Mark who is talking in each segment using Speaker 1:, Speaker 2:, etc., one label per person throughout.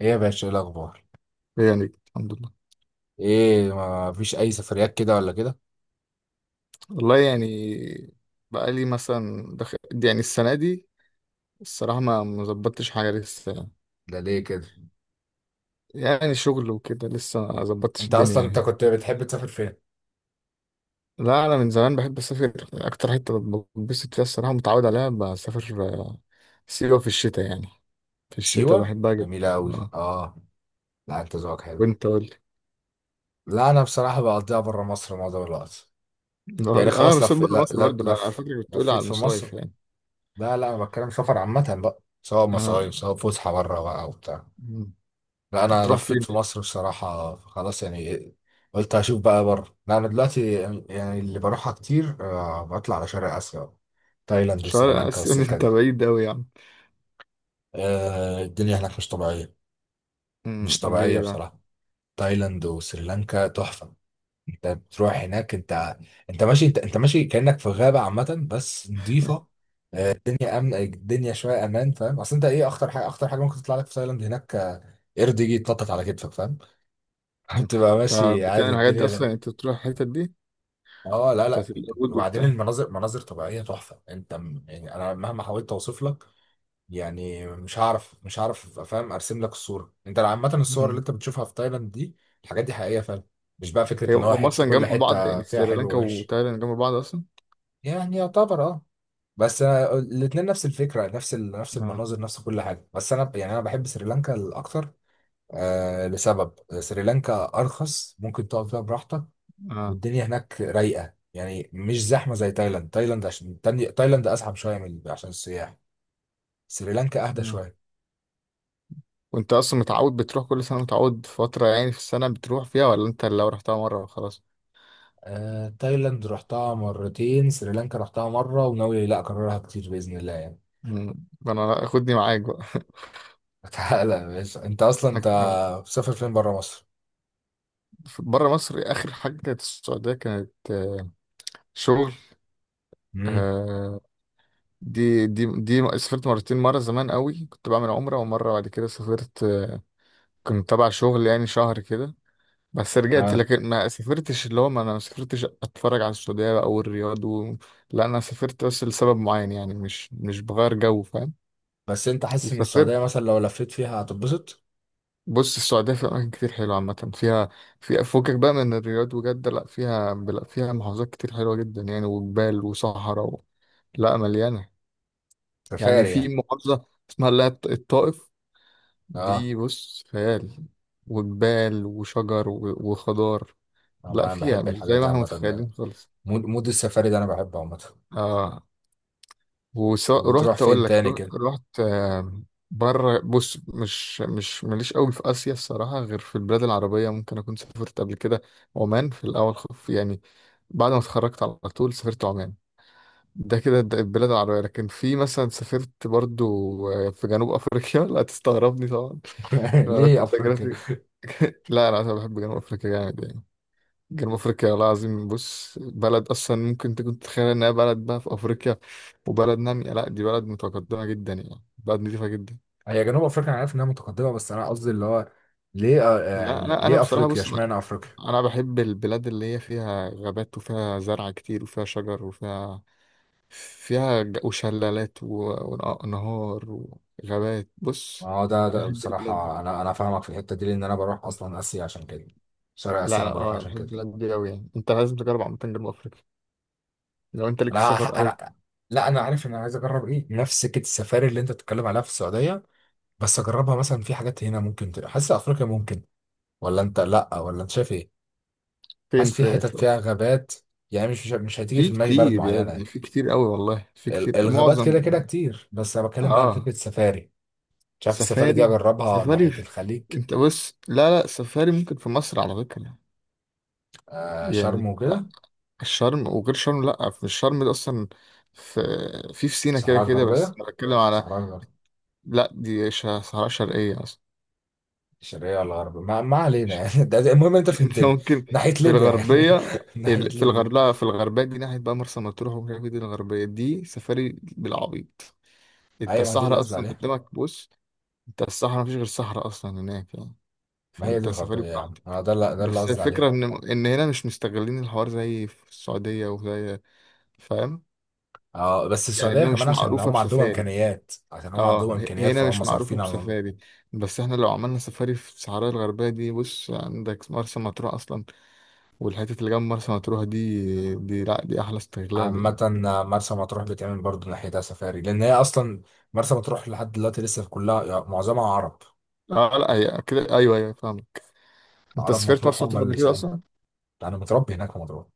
Speaker 1: ايه يا باشا، ايه الاخبار؟
Speaker 2: إيه يعني الحمد لله.
Speaker 1: ايه، ما فيش اي سفريات كده ولا كده؟
Speaker 2: والله يعني بقالي مثلا دخل يعني السنة دي الصراحة ما ظبطتش حاجة لسه يعني.
Speaker 1: ده ليه كده؟
Speaker 2: يعني شغل وكده لسه ما ظبطتش
Speaker 1: انت
Speaker 2: الدنيا
Speaker 1: اصلا انت
Speaker 2: يعني.
Speaker 1: كنت بتحب تسافر فين؟
Speaker 2: لا أنا من زمان بحب أسافر أكتر حتة بتبسط فيها الصراحة متعود عليها بسافر سيوة في الشتاء يعني. في الشتاء
Speaker 1: سيوه
Speaker 2: بحبها جدا.
Speaker 1: جميله قوي،
Speaker 2: اه.
Speaker 1: اه. لا انت ذوقك حلو.
Speaker 2: وأنت قول لي.
Speaker 1: لا انا بصراحه بقضيها بره مصر معظم الوقت. يعني
Speaker 2: والله أنا
Speaker 1: خلاص
Speaker 2: مسافر
Speaker 1: لف
Speaker 2: برا مصر برضه، أنا على
Speaker 1: لف.
Speaker 2: فكرة كنت بتقولي
Speaker 1: لفيت
Speaker 2: على
Speaker 1: في
Speaker 2: المصايف
Speaker 1: مصر.
Speaker 2: يعني.
Speaker 1: لا لا، انا بتكلم سفر عامه بقى، سواء
Speaker 2: آه.
Speaker 1: مصايف سواء فسحه بره بقى وبتاع.
Speaker 2: مم.
Speaker 1: لا انا
Speaker 2: بتروح
Speaker 1: لفيت
Speaker 2: فين؟
Speaker 1: في مصر بصراحه خلاص يعني. قلت هشوف بقى بره. لا انا دلوقتي يعني اللي بروحها كتير بطلع على شرق اسيا. تايلاند
Speaker 2: شرق
Speaker 1: وسريلانكا
Speaker 2: آسيا
Speaker 1: والسكه
Speaker 2: أنت
Speaker 1: دي.
Speaker 2: بعيد أوي يعني.
Speaker 1: الدنيا هناك مش طبيعيه.
Speaker 2: مم.
Speaker 1: مش طبيعيه
Speaker 2: ليه بقى؟
Speaker 1: بصراحه. تايلاند وسريلانكا تحفه. انت بتروح هناك انت. انت ماشي انت ماشي كانك في غابه عامه بس نظيفه. الدنيا امن، الدنيا شويه امان، فاهم؟ اصل انت ايه اخطر حاجه؟ اخطر حاجه ممكن تطلع لك في تايلاند هناك قرد يجي يتنطط على كتفك، فاهم؟
Speaker 2: مم.
Speaker 1: بتبقى
Speaker 2: طب
Speaker 1: ماشي
Speaker 2: بتعمل
Speaker 1: عادي
Speaker 2: الحاجات دي
Speaker 1: الدنيا.
Speaker 2: اصلا يعني انت تروح الحتت دي
Speaker 1: اه لا لا.
Speaker 2: بتاعت اليهود
Speaker 1: وبعدين
Speaker 2: وبتاع.
Speaker 1: المناظر، مناظر طبيعيه تحفه. انت يعني انا مهما حاولت اوصف لك يعني مش هعرف، مش هعرف افهم ارسم لك الصوره. انت عامه الصور اللي
Speaker 2: مم.
Speaker 1: انت بتشوفها في تايلاند دي، الحاجات دي حقيقيه فعلا. مش بقى
Speaker 2: هي
Speaker 1: فكره ان هو
Speaker 2: هم
Speaker 1: حته،
Speaker 2: اصلا
Speaker 1: كل
Speaker 2: جنب بعض
Speaker 1: حته
Speaker 2: يعني
Speaker 1: فيها حلو
Speaker 2: سريلانكا
Speaker 1: ووحش.
Speaker 2: وتايلاند جنب بعض اصلا.
Speaker 1: يعني يعتبر اه. بس أنا الاتنين نفس الفكره، نفس نفس
Speaker 2: آه.
Speaker 1: المناظر نفس كل حاجه، بس انا يعني انا بحب سريلانكا الاكتر. آه، لسبب. سريلانكا ارخص، ممكن تقعد فيها براحتك.
Speaker 2: آه.
Speaker 1: والدنيا هناك رايقه يعني، مش زحمه زي تايلاند. تايلاند عشان تايلاند ازحم شويه من عشان السياح. سريلانكا اهدى
Speaker 2: آه.
Speaker 1: شويه.
Speaker 2: وانت اصلا متعود بتروح كل سنه، متعود فتره يعني في السنه بتروح فيها، ولا انت لو رحتها مره وخلاص؟
Speaker 1: تايلاند رحتها مرتين، سريلانكا رحتها مره وناوي لا اكررها كتير باذن الله يعني.
Speaker 2: مم. ده انا خدني معاك بقى
Speaker 1: تعالى يا باشا، انت اصلا
Speaker 2: احنا
Speaker 1: انت مسافر فين بره مصر؟
Speaker 2: بره مصر اخر حاجه كانت السعوديه، كانت شغل.
Speaker 1: امم.
Speaker 2: آه. دي سافرت مرتين، مره زمان قوي كنت بعمل عمره، ومره بعد كده سافرت كنت تبع شغل يعني شهر كده بس رجعت،
Speaker 1: اه
Speaker 2: لكن ما سافرتش اللي هو، ما انا ما سافرتش اتفرج على السعودية بقى او الرياض و... لا انا سافرت بس لسبب معين يعني، مش بغير جو، فاهم.
Speaker 1: بس انت حاسس ان السعوديه
Speaker 2: وسافرت.
Speaker 1: مثلا لو لفيت فيها هتتبسط؟
Speaker 2: بص السعودية فيها اماكن كتير حلوة، عامة فيها فيها فوقك بقى من الرياض وجدة، لا فيها، لا فيها محافظات كتير حلوة جدا يعني، وجبال وصحراء و... لا مليانة. يعني
Speaker 1: سفاري
Speaker 2: في
Speaker 1: يعني.
Speaker 2: محافظة اسمها اللي هي الطائف.
Speaker 1: اه
Speaker 2: دي بص خيال، وجبال وشجر و... وخضار. لا
Speaker 1: انا
Speaker 2: فيها
Speaker 1: بحب
Speaker 2: مش
Speaker 1: الحاجات
Speaker 2: زي ما
Speaker 1: دي
Speaker 2: احنا
Speaker 1: عامه.
Speaker 2: متخيلين خالص.
Speaker 1: مود، مود السفاري ده انا بحبه عامه.
Speaker 2: اه.
Speaker 1: وبتروح
Speaker 2: ورحت
Speaker 1: فين
Speaker 2: اقول لك،
Speaker 1: تاني كده؟
Speaker 2: رحت بره. بص مش ماليش قوي في اسيا الصراحه، غير في البلاد العربيه ممكن اكون سافرت قبل كده. عمان في الاول خف يعني، بعد ما اتخرجت على طول سافرت عمان. ده كده ده البلاد العربيه، لكن في مثلا سافرت برضو في جنوب افريقيا لا تستغربني طبعا. أنا قلت
Speaker 1: ليه
Speaker 2: لك
Speaker 1: افريقيا؟
Speaker 2: لا انا بحب جنوب افريقيا جامد يعني. جنوب افريقيا والله العظيم بص بلد، اصلا ممكن تكون تتخيل انها بلد بقى في افريقيا وبلد نامية، لا دي بلد متقدمة جدا يعني، بلد نظيفة جدا.
Speaker 1: هي جنوب افريقيا انا عارف انها متقدمه، بس انا قصدي اللي هو ليه
Speaker 2: لا
Speaker 1: يعني
Speaker 2: لا انا
Speaker 1: ليه
Speaker 2: بصراحة
Speaker 1: افريقيا؟
Speaker 2: بص انا،
Speaker 1: اشمعنى افريقيا؟
Speaker 2: أنا بحب البلاد اللي هي فيها غابات وفيها زرع كتير وفيها شجر وفيها، فيها وشلالات ونهار وغابات، بص
Speaker 1: اه ده
Speaker 2: أنا
Speaker 1: ده
Speaker 2: بحب البلاد دي.
Speaker 1: بصراحة أنا فاهمك في الحتة دي، لأن أنا بروح أصلا آسيا عشان كده. شرق آسيا
Speaker 2: لا
Speaker 1: أنا
Speaker 2: لا اه
Speaker 1: بروح
Speaker 2: انا
Speaker 1: عشان
Speaker 2: بحب
Speaker 1: كده.
Speaker 2: البلاد دي قوي يعني، انت لازم تجرب عامة جنوب افريقيا لو انت ليك في السفر قوي.
Speaker 1: انا. لا انا عارف ان انا عايز اجرب ايه، نفس سكه السفاري اللي انت بتتكلم عليها في السعوديه، بس اجربها مثلا في حاجات هنا ممكن حاسس افريقيا ممكن؟ ولا انت لا، ولا انت شايف ايه؟
Speaker 2: فين
Speaker 1: حاسس في
Speaker 2: في,
Speaker 1: حتت
Speaker 2: في
Speaker 1: فيها غابات. يعني مش هتيجي في
Speaker 2: في
Speaker 1: دماغي بلد
Speaker 2: كتير
Speaker 1: معينه
Speaker 2: يعني
Speaker 1: يعني.
Speaker 2: في كتير قوي والله، في كتير
Speaker 1: الغابات
Speaker 2: معظم.
Speaker 1: كده كده كتير، بس انا بتكلم بقى على فكره
Speaker 2: اه.
Speaker 1: السفاري. شايف السفاري دي
Speaker 2: سفاري.
Speaker 1: اجربها
Speaker 2: سفاري
Speaker 1: ناحية
Speaker 2: في-
Speaker 1: الخليج؟
Speaker 2: انت بص لا لا سفاري ممكن في مصر على فكرة،
Speaker 1: آه، شرم
Speaker 2: يعني بتاع
Speaker 1: وكده.
Speaker 2: الشرم وغير شرم، لا في الشرم ده اصلا في في في سينا كده
Speaker 1: الصحراء
Speaker 2: كده، بس
Speaker 1: الغربية،
Speaker 2: انا بتكلم على.
Speaker 1: الصحراء الغربية.
Speaker 2: لا دي صحراء شرقية اصلا.
Speaker 1: الشرقية ولا الغربية، ما علينا يعني. ده ده المهم انت
Speaker 2: انت
Speaker 1: فهمتني.
Speaker 2: ممكن
Speaker 1: ناحية
Speaker 2: في
Speaker 1: ليبيا يعني.
Speaker 2: الغربية،
Speaker 1: ناحية
Speaker 2: في
Speaker 1: ليبيا.
Speaker 2: الغربية، في الغربية دي ناحية بقى مرسى مطروح وكده، دي الغربية دي سفاري بالعبيط. انت
Speaker 1: ايوه ما دي اللي
Speaker 2: الصحراء
Speaker 1: قصدي
Speaker 2: اصلا
Speaker 1: عليها.
Speaker 2: قدامك بص. انت الصحراء مفيش غير صحراء اصلا هناك يعني،
Speaker 1: ما هي دي
Speaker 2: فانت
Speaker 1: الغربية
Speaker 2: سفاري
Speaker 1: يا عم،
Speaker 2: براحتك.
Speaker 1: اه ده اللي، ده اللي
Speaker 2: بس
Speaker 1: قصدي
Speaker 2: الفكره
Speaker 1: عليه.
Speaker 2: ان ان هنا مش مستغلين الحوار زي في السعوديه وزي، فاهم.
Speaker 1: اه بس
Speaker 2: يعني
Speaker 1: السعودية
Speaker 2: هنا
Speaker 1: كمان
Speaker 2: مش
Speaker 1: عشان
Speaker 2: معروفه
Speaker 1: هم عندهم
Speaker 2: بسفاري.
Speaker 1: امكانيات، عشان هم
Speaker 2: اه
Speaker 1: عندهم امكانيات،
Speaker 2: هنا مش
Speaker 1: فهم
Speaker 2: معروفه
Speaker 1: صارفين على الموضوع.
Speaker 2: بسفاري، بس احنا لو عملنا سفاري في الصحراء الغربيه دي بص عندك مرسى مطروح اصلا، والحته اللي جنب مرسى مطروح دي لا دي احلى استغلال يعني.
Speaker 1: عامة مرسى مطروح بتعمل برضه ناحيتها سفاري، لأن هي أصلا مرسى مطروح لحد دلوقتي لسه في كلها يعني معظمها عرب.
Speaker 2: اه لا هي كده ايوه ايوه فاهمك. انت
Speaker 1: عرب
Speaker 2: سافرت
Speaker 1: مطروح
Speaker 2: مرسى
Speaker 1: هم
Speaker 2: مطروح قبل
Speaker 1: اللي
Speaker 2: كده
Speaker 1: سايقين.
Speaker 2: اصلا؟
Speaker 1: ده انا متربي هناك في مضرات.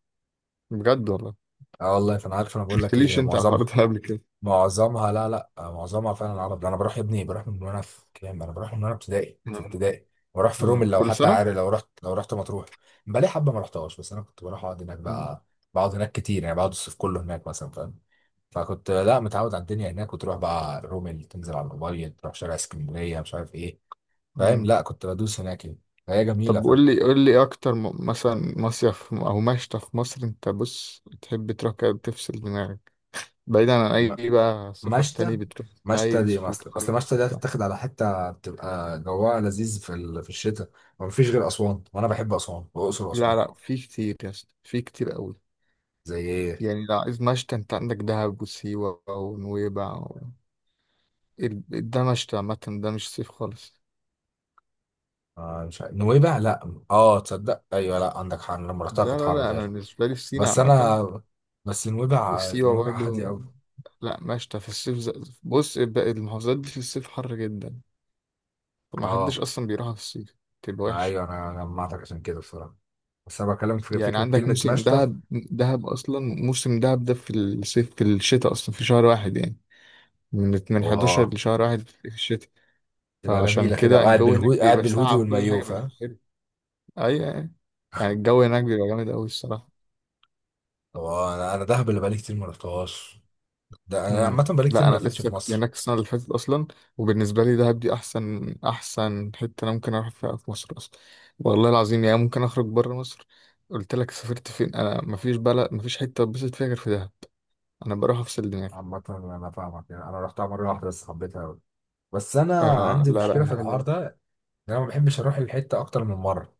Speaker 2: بجد والله؟
Speaker 1: اه والله، فانا عارف، انا
Speaker 2: ما
Speaker 1: بقول لك
Speaker 2: قلتليش
Speaker 1: ايه،
Speaker 2: انت على الحوار
Speaker 1: معظمها.
Speaker 2: ده قبل كده.
Speaker 1: معظمها لا لا معظمها فعلا العرب. ده انا بروح يا ابني، بروح من وانا في كام، انا بروح من وانا ابتدائي، في ابتدائي. بروح في رومل
Speaker 2: آه.
Speaker 1: لو
Speaker 2: كل
Speaker 1: حتى
Speaker 2: سنه.
Speaker 1: عارف، لو رحت، لو رحت مطروح. بقالي حبه ما رحتهاش، بس انا كنت بروح اقعد هناك بقى. بقعد هناك كتير يعني، بقعد الصيف كله هناك مثلا، فاهم؟ فكنت لا متعود على الدنيا هناك، وتروح بقى رومل، تنزل على الابيض، تروح شارع اسكندريه، مش عارف ايه، فاهم؟
Speaker 2: مم.
Speaker 1: لا كنت بدوس هناك يعني. فهي
Speaker 2: طب
Speaker 1: جميله، فاهم؟
Speaker 2: قول لي قول لي إيه اكتر مثلا مصيف او مشتى في مصر انت بص تحب تروح كده تفصل دماغك بعيدا عن اي بقى سفر
Speaker 1: مشتى.
Speaker 2: تاني، بتروح
Speaker 1: مشتى
Speaker 2: عايز
Speaker 1: دي اصل، اصل
Speaker 2: وتخلص
Speaker 1: مشتى دي
Speaker 2: وبتاع.
Speaker 1: هتتاخد على حته بتبقى جواها لذيذ في الشتاء. ومفيش غير اسوان، وانا بحب اسوان واقصر واسوان.
Speaker 2: لا لا في كتير يا اسطى، في كتير قوي.
Speaker 1: زي ايه؟
Speaker 2: يعني لو عايز مشتى انت عندك دهب وسيوة ونويبع و... ال- ده مشتى عامة، ده مش صيف خالص.
Speaker 1: آه مش عارف. نويبع، لا اه تصدق، ايوه لا عندك حق، أنا لما رحتها
Speaker 2: لا
Speaker 1: كانت
Speaker 2: لا
Speaker 1: حر
Speaker 2: لا انا
Speaker 1: فعلا.
Speaker 2: بالنسبة لي في سينا
Speaker 1: بس
Speaker 2: عامة،
Speaker 1: انا. بس نويبع،
Speaker 2: وسيوة
Speaker 1: نويبع هاديه
Speaker 2: برضو.
Speaker 1: قوي.
Speaker 2: لا مشتى في الصيف ز... بص المحافظات دي في الصيف حر جدا، طب ما
Speaker 1: اه
Speaker 2: حدش اصلا بيروحها في الصيف، تبقى وحشه
Speaker 1: ايوه، انا جمعتك عشان كده بصراحه. بس انا بكلمك في
Speaker 2: يعني.
Speaker 1: فكره
Speaker 2: عندك
Speaker 1: كلمه
Speaker 2: موسم
Speaker 1: مشتى.
Speaker 2: دهب، دهب اصلا موسم دهب ده في الصيف، في الشتاء اصلا في شهر واحد يعني، من
Speaker 1: واه،
Speaker 2: 11 لشهر واحد في الشتاء،
Speaker 1: تبقى
Speaker 2: فعشان
Speaker 1: جميله كده،
Speaker 2: كده
Speaker 1: وقاعد
Speaker 2: الجو هناك
Speaker 1: بالهودي، قاعد
Speaker 2: بيبقى
Speaker 1: بالهودي
Speaker 2: ساقع وكل
Speaker 1: والمايوه،
Speaker 2: حاجه بس
Speaker 1: فاهم؟
Speaker 2: حلو. ايوه يعني، الجو هناك بيبقى جامد قوي الصراحه.
Speaker 1: واه، انا انا دهب اللي بقالي كتير ما رحتهاش. ده انا عامه
Speaker 2: مم.
Speaker 1: بقالي كتير
Speaker 2: لا
Speaker 1: ما
Speaker 2: انا
Speaker 1: لفتش
Speaker 2: لسه
Speaker 1: في
Speaker 2: كنت
Speaker 1: مصر.
Speaker 2: هناك السنه اللي فاتت اصلا، وبالنسبه لي دهب دي احسن احسن حته انا ممكن اروح فيها في مصر اصلا، والله العظيم يعني. ممكن اخرج بره مصر، قلت لك سافرت فين، انا مفيش بلد، مفيش حته اتبسط فيها غير في دهب، انا بروح افصل دماغي.
Speaker 1: عامة أنا فاهمك يعني، أنا رحتها مرة واحدة بس حبيتها أوي. بس أنا
Speaker 2: آه
Speaker 1: عندي
Speaker 2: لا لا
Speaker 1: مشكلة في
Speaker 2: هي
Speaker 1: الحوار
Speaker 2: حلوه.
Speaker 1: ده، إن أنا ما بحبش أروح الحتة أكتر من مرة.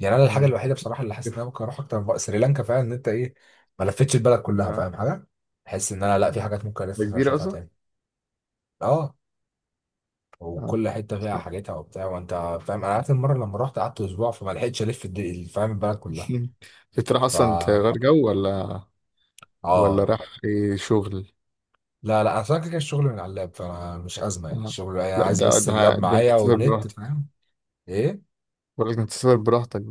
Speaker 1: يعني أنا الحاجة
Speaker 2: مم.
Speaker 1: الوحيدة بصراحة اللي حاسس إن
Speaker 2: كيف؟
Speaker 1: أنا ممكن أروح أكتر من مرة سريلانكا فعلا، إن أنت إيه، ما لفتش البلد كلها،
Speaker 2: آه.
Speaker 1: فاهم حاجة؟ بحس إن أنا لأ، في
Speaker 2: آه.
Speaker 1: حاجات ممكن
Speaker 2: ده
Speaker 1: لسه
Speaker 2: كبيره
Speaker 1: أشوفها
Speaker 2: اصلا.
Speaker 1: تاني. أه،
Speaker 2: آه.
Speaker 1: وكل حتة فيها حاجتها وبتاع، وأنت فاهم. أنا
Speaker 2: مم.
Speaker 1: آخر مرة لما رحت قعدت أسبوع، فما لحقتش ألف فاهم البلد كلها.
Speaker 2: بتروح اصلا
Speaker 1: فا
Speaker 2: تغير جو، ولا ولا
Speaker 1: أه.
Speaker 2: راح إيه شغل؟
Speaker 1: لا لا انا فاكر كده الشغل من على اللاب، فانا مش ازمه يعني
Speaker 2: آه.
Speaker 1: الشغل، انا
Speaker 2: لا
Speaker 1: عايز
Speaker 2: ده
Speaker 1: بس
Speaker 2: ده
Speaker 1: اللاب
Speaker 2: ده انت
Speaker 1: معايا
Speaker 2: تسافر
Speaker 1: والنت،
Speaker 2: براحتك،
Speaker 1: فاهم؟ ايه.
Speaker 2: ولا انت تسافر براحتك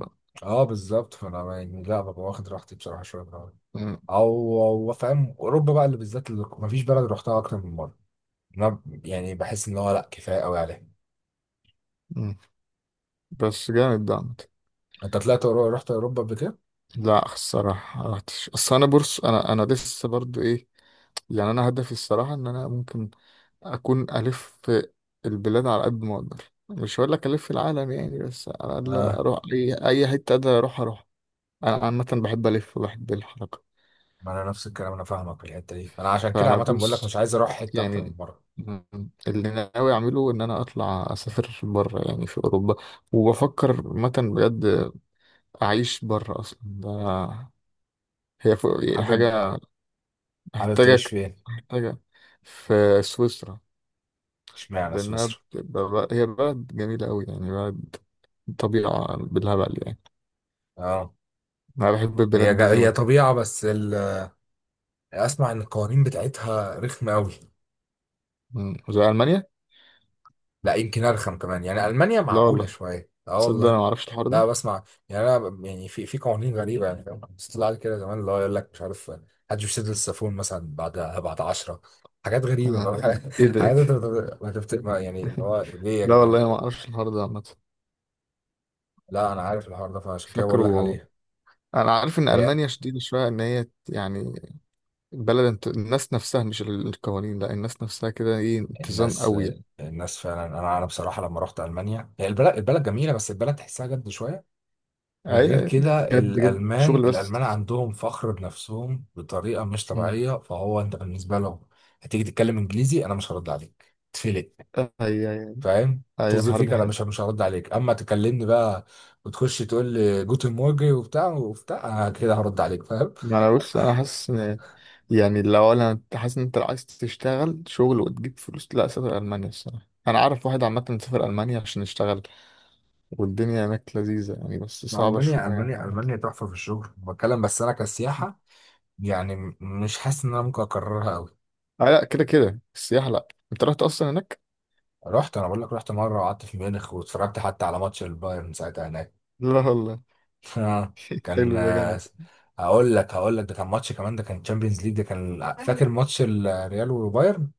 Speaker 1: اه بالظبط، فانا يعني لا، ببقى واخد راحتي بصراحه شويه بالعربي.
Speaker 2: بقى.
Speaker 1: او او فاهم، اوروبا بقى اللي بالذات اللي مفيش بلد رحتها اكتر من مره. انا يعني بحس ان هو لا كفايه قوي عليها.
Speaker 2: مم. بس جامد ده عامة.
Speaker 1: انت طلعت رحت اوروبا قبل كده؟
Speaker 2: لا الصراحة ما رحتش، اصل انا بورس انا لسه برضو ايه، يعني انا هدفي الصراحة ان انا ممكن اكون الف في البلاد على قد ما اقدر، مش هقول لك الف العالم يعني، بس على الاقل
Speaker 1: اه.
Speaker 2: اروح اي اي حتة اقدر اروح اروح. انا عامة بحب الف وبحب الحركة.
Speaker 1: ما انا نفس الكلام، انا فاهمك في الحته دي، انا عشان كده
Speaker 2: فانا
Speaker 1: عامه بقول لك مش
Speaker 2: بص
Speaker 1: عايز اروح حته اكتر
Speaker 2: يعني،
Speaker 1: من مره.
Speaker 2: مم، اللي أنا ناوي اعمله ان انا اطلع اسافر بره يعني في اوروبا، وبفكر مثلا بجد اعيش بره اصلا ده، هي يعني
Speaker 1: حابب،
Speaker 2: حاجة
Speaker 1: حابب تعيش
Speaker 2: محتاجك
Speaker 1: فين؟
Speaker 2: محتاجة في سويسرا،
Speaker 1: اشمعنى
Speaker 2: لأنها
Speaker 1: سويسرا؟
Speaker 2: هي بلد جميلة أوي يعني، بلد طبيعة بالهبل يعني.
Speaker 1: اه.
Speaker 2: أنا بحب
Speaker 1: هي
Speaker 2: البلاد دي زي ما
Speaker 1: هي
Speaker 2: قلت.
Speaker 1: طبيعه بس اسمع ان القوانين بتاعتها رخمه قوي.
Speaker 2: مم. زي ألمانيا؟
Speaker 1: لا يمكن ارخم كمان، يعني المانيا
Speaker 2: لا
Speaker 1: معقوله
Speaker 2: والله.
Speaker 1: شويه، اه
Speaker 2: تصدق أنا
Speaker 1: والله.
Speaker 2: معرفش الحوار ده.
Speaker 1: لا بسمع. يعني انا يعني في قوانين غريبه يعني، فاهم؟ بس طلع لي كده زمان اللي هو يقول لك مش عارف محدش بيسد السافون مثلا بعد 10. حاجات غريبه
Speaker 2: آه.
Speaker 1: بقى. حاجات.
Speaker 2: إيه ده إيه ده.
Speaker 1: حاجات انت ما يعني اللي هو ليه يا
Speaker 2: لا
Speaker 1: جدعان؟
Speaker 2: والله أنا معرفش الحوار ده عامة.
Speaker 1: لا انا عارف الحوار ده، فعشان كده بقول لك
Speaker 2: فاكره.
Speaker 1: عليها.
Speaker 2: أنا عارف إن
Speaker 1: هي
Speaker 2: ألمانيا شديدة شوية إن هي يعني بلد الناس نفسها، مش القوانين، لا الناس نفسها كده إيه، انتظام
Speaker 1: الناس.
Speaker 2: أوي يعني.
Speaker 1: الناس فعلا انا، انا بصراحه لما رحت المانيا، هي البلد، البلد جميله بس البلد تحسها جد شويه.
Speaker 2: أي
Speaker 1: وغير
Speaker 2: أي.
Speaker 1: كده
Speaker 2: بجد بجد
Speaker 1: الألمان،
Speaker 2: شغل بس.
Speaker 1: الألمان عندهم فخر بنفسهم بطريقة مش
Speaker 2: مم.
Speaker 1: طبيعية، فهو أنت بالنسبة لهم هتيجي تتكلم إنجليزي أنا مش هرد عليك، تفلق،
Speaker 2: أي أي.
Speaker 1: فاهم؟
Speaker 2: أي
Speaker 1: طز
Speaker 2: الحوار
Speaker 1: فيك
Speaker 2: ده
Speaker 1: أنا مش
Speaker 2: حقيقي.
Speaker 1: مش هرد عليك أما تكلمني بقى وتخش تقول لي جوتن مورجن وبتاع وبتاع، أنا كده هرد عليك، فاهم؟
Speaker 2: ما انا بص انا حاسس ان، يعني لو انا، انت حاسس ان انت لو عايز تشتغل شغل وتجيب فلوس لا سافر المانيا الصراحه، انا عارف واحد عامه سافر المانيا عشان يشتغل والدنيا هناك لذيذه يعني، بس صعبه شويه
Speaker 1: ألمانيا،
Speaker 2: يعني
Speaker 1: ألمانيا،
Speaker 2: عامه.
Speaker 1: ألمانيا تحفة في الشغل بتكلم، بس أنا كسياحة يعني مش حاسس إن أنا ممكن أكررها أوي.
Speaker 2: آه لا كده كده السياحه، لا انت رحت اصلا هناك؟
Speaker 1: رحت، أنا بقول لك رحت مرة وقعدت في ميونخ واتفرجت حتى على ماتش البايرن ساعتها هناك.
Speaker 2: لا والله.
Speaker 1: اه كان
Speaker 2: حلو ده جامد.
Speaker 1: هقول لك، هقول لك ده كان ماتش كمان، ده كان تشامبيونز ليج، ده كان فاكر ماتش الريال وبايرن؟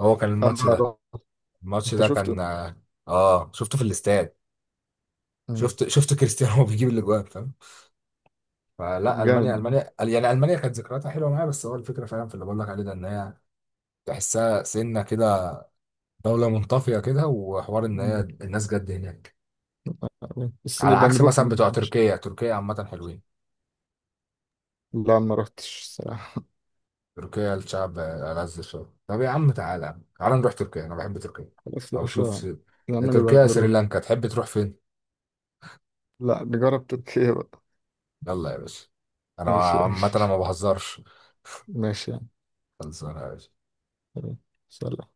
Speaker 1: هو كان الماتش
Speaker 2: اه.
Speaker 1: ده.
Speaker 2: رحت.
Speaker 1: الماتش
Speaker 2: انت
Speaker 1: ده
Speaker 2: شفته.
Speaker 1: كان اه. شفته في الاستاد.
Speaker 2: مم.
Speaker 1: شفت كريستيانو وهو بيجيب الاجوان، فاهم؟ فلا
Speaker 2: طب
Speaker 1: المانيا،
Speaker 2: جامد.
Speaker 1: المانيا يعني، المانيا كانت ذكرياتها حلوه معايا، بس هو الفكره فعلا في اللي بقول لك عليه ده ان هي تحسها سنه كده، دوله منطفيه كده، وحوار ان هي
Speaker 2: مم.
Speaker 1: الناس جد هناك.
Speaker 2: بس
Speaker 1: على
Speaker 2: نبقى
Speaker 1: عكس
Speaker 2: نروح
Speaker 1: مثلا
Speaker 2: ما
Speaker 1: بتوع
Speaker 2: تبقاش.
Speaker 1: تركيا، تركيا عامه حلوين.
Speaker 2: لا ما رحتش الصراحه.
Speaker 1: تركيا الشعب ألذ شوية. طب يا عم تعالى، تعالى نروح تركيا، أنا بحب تركيا.
Speaker 2: خلاص يا
Speaker 1: أو شوف
Speaker 2: باشا. يا
Speaker 1: يا
Speaker 2: عم
Speaker 1: تركيا
Speaker 2: نبقى
Speaker 1: يا
Speaker 2: نروح.
Speaker 1: سريلانكا، تحب تروح فين؟
Speaker 2: لا نجرب تركيا بقى.
Speaker 1: يلا يا باشا. أنا
Speaker 2: ماشي
Speaker 1: عامة أنا ما
Speaker 2: ماشي.
Speaker 1: بهزرش.
Speaker 2: ماشي يعني.
Speaker 1: خلصانة يا باشا.
Speaker 2: تمام. سلام.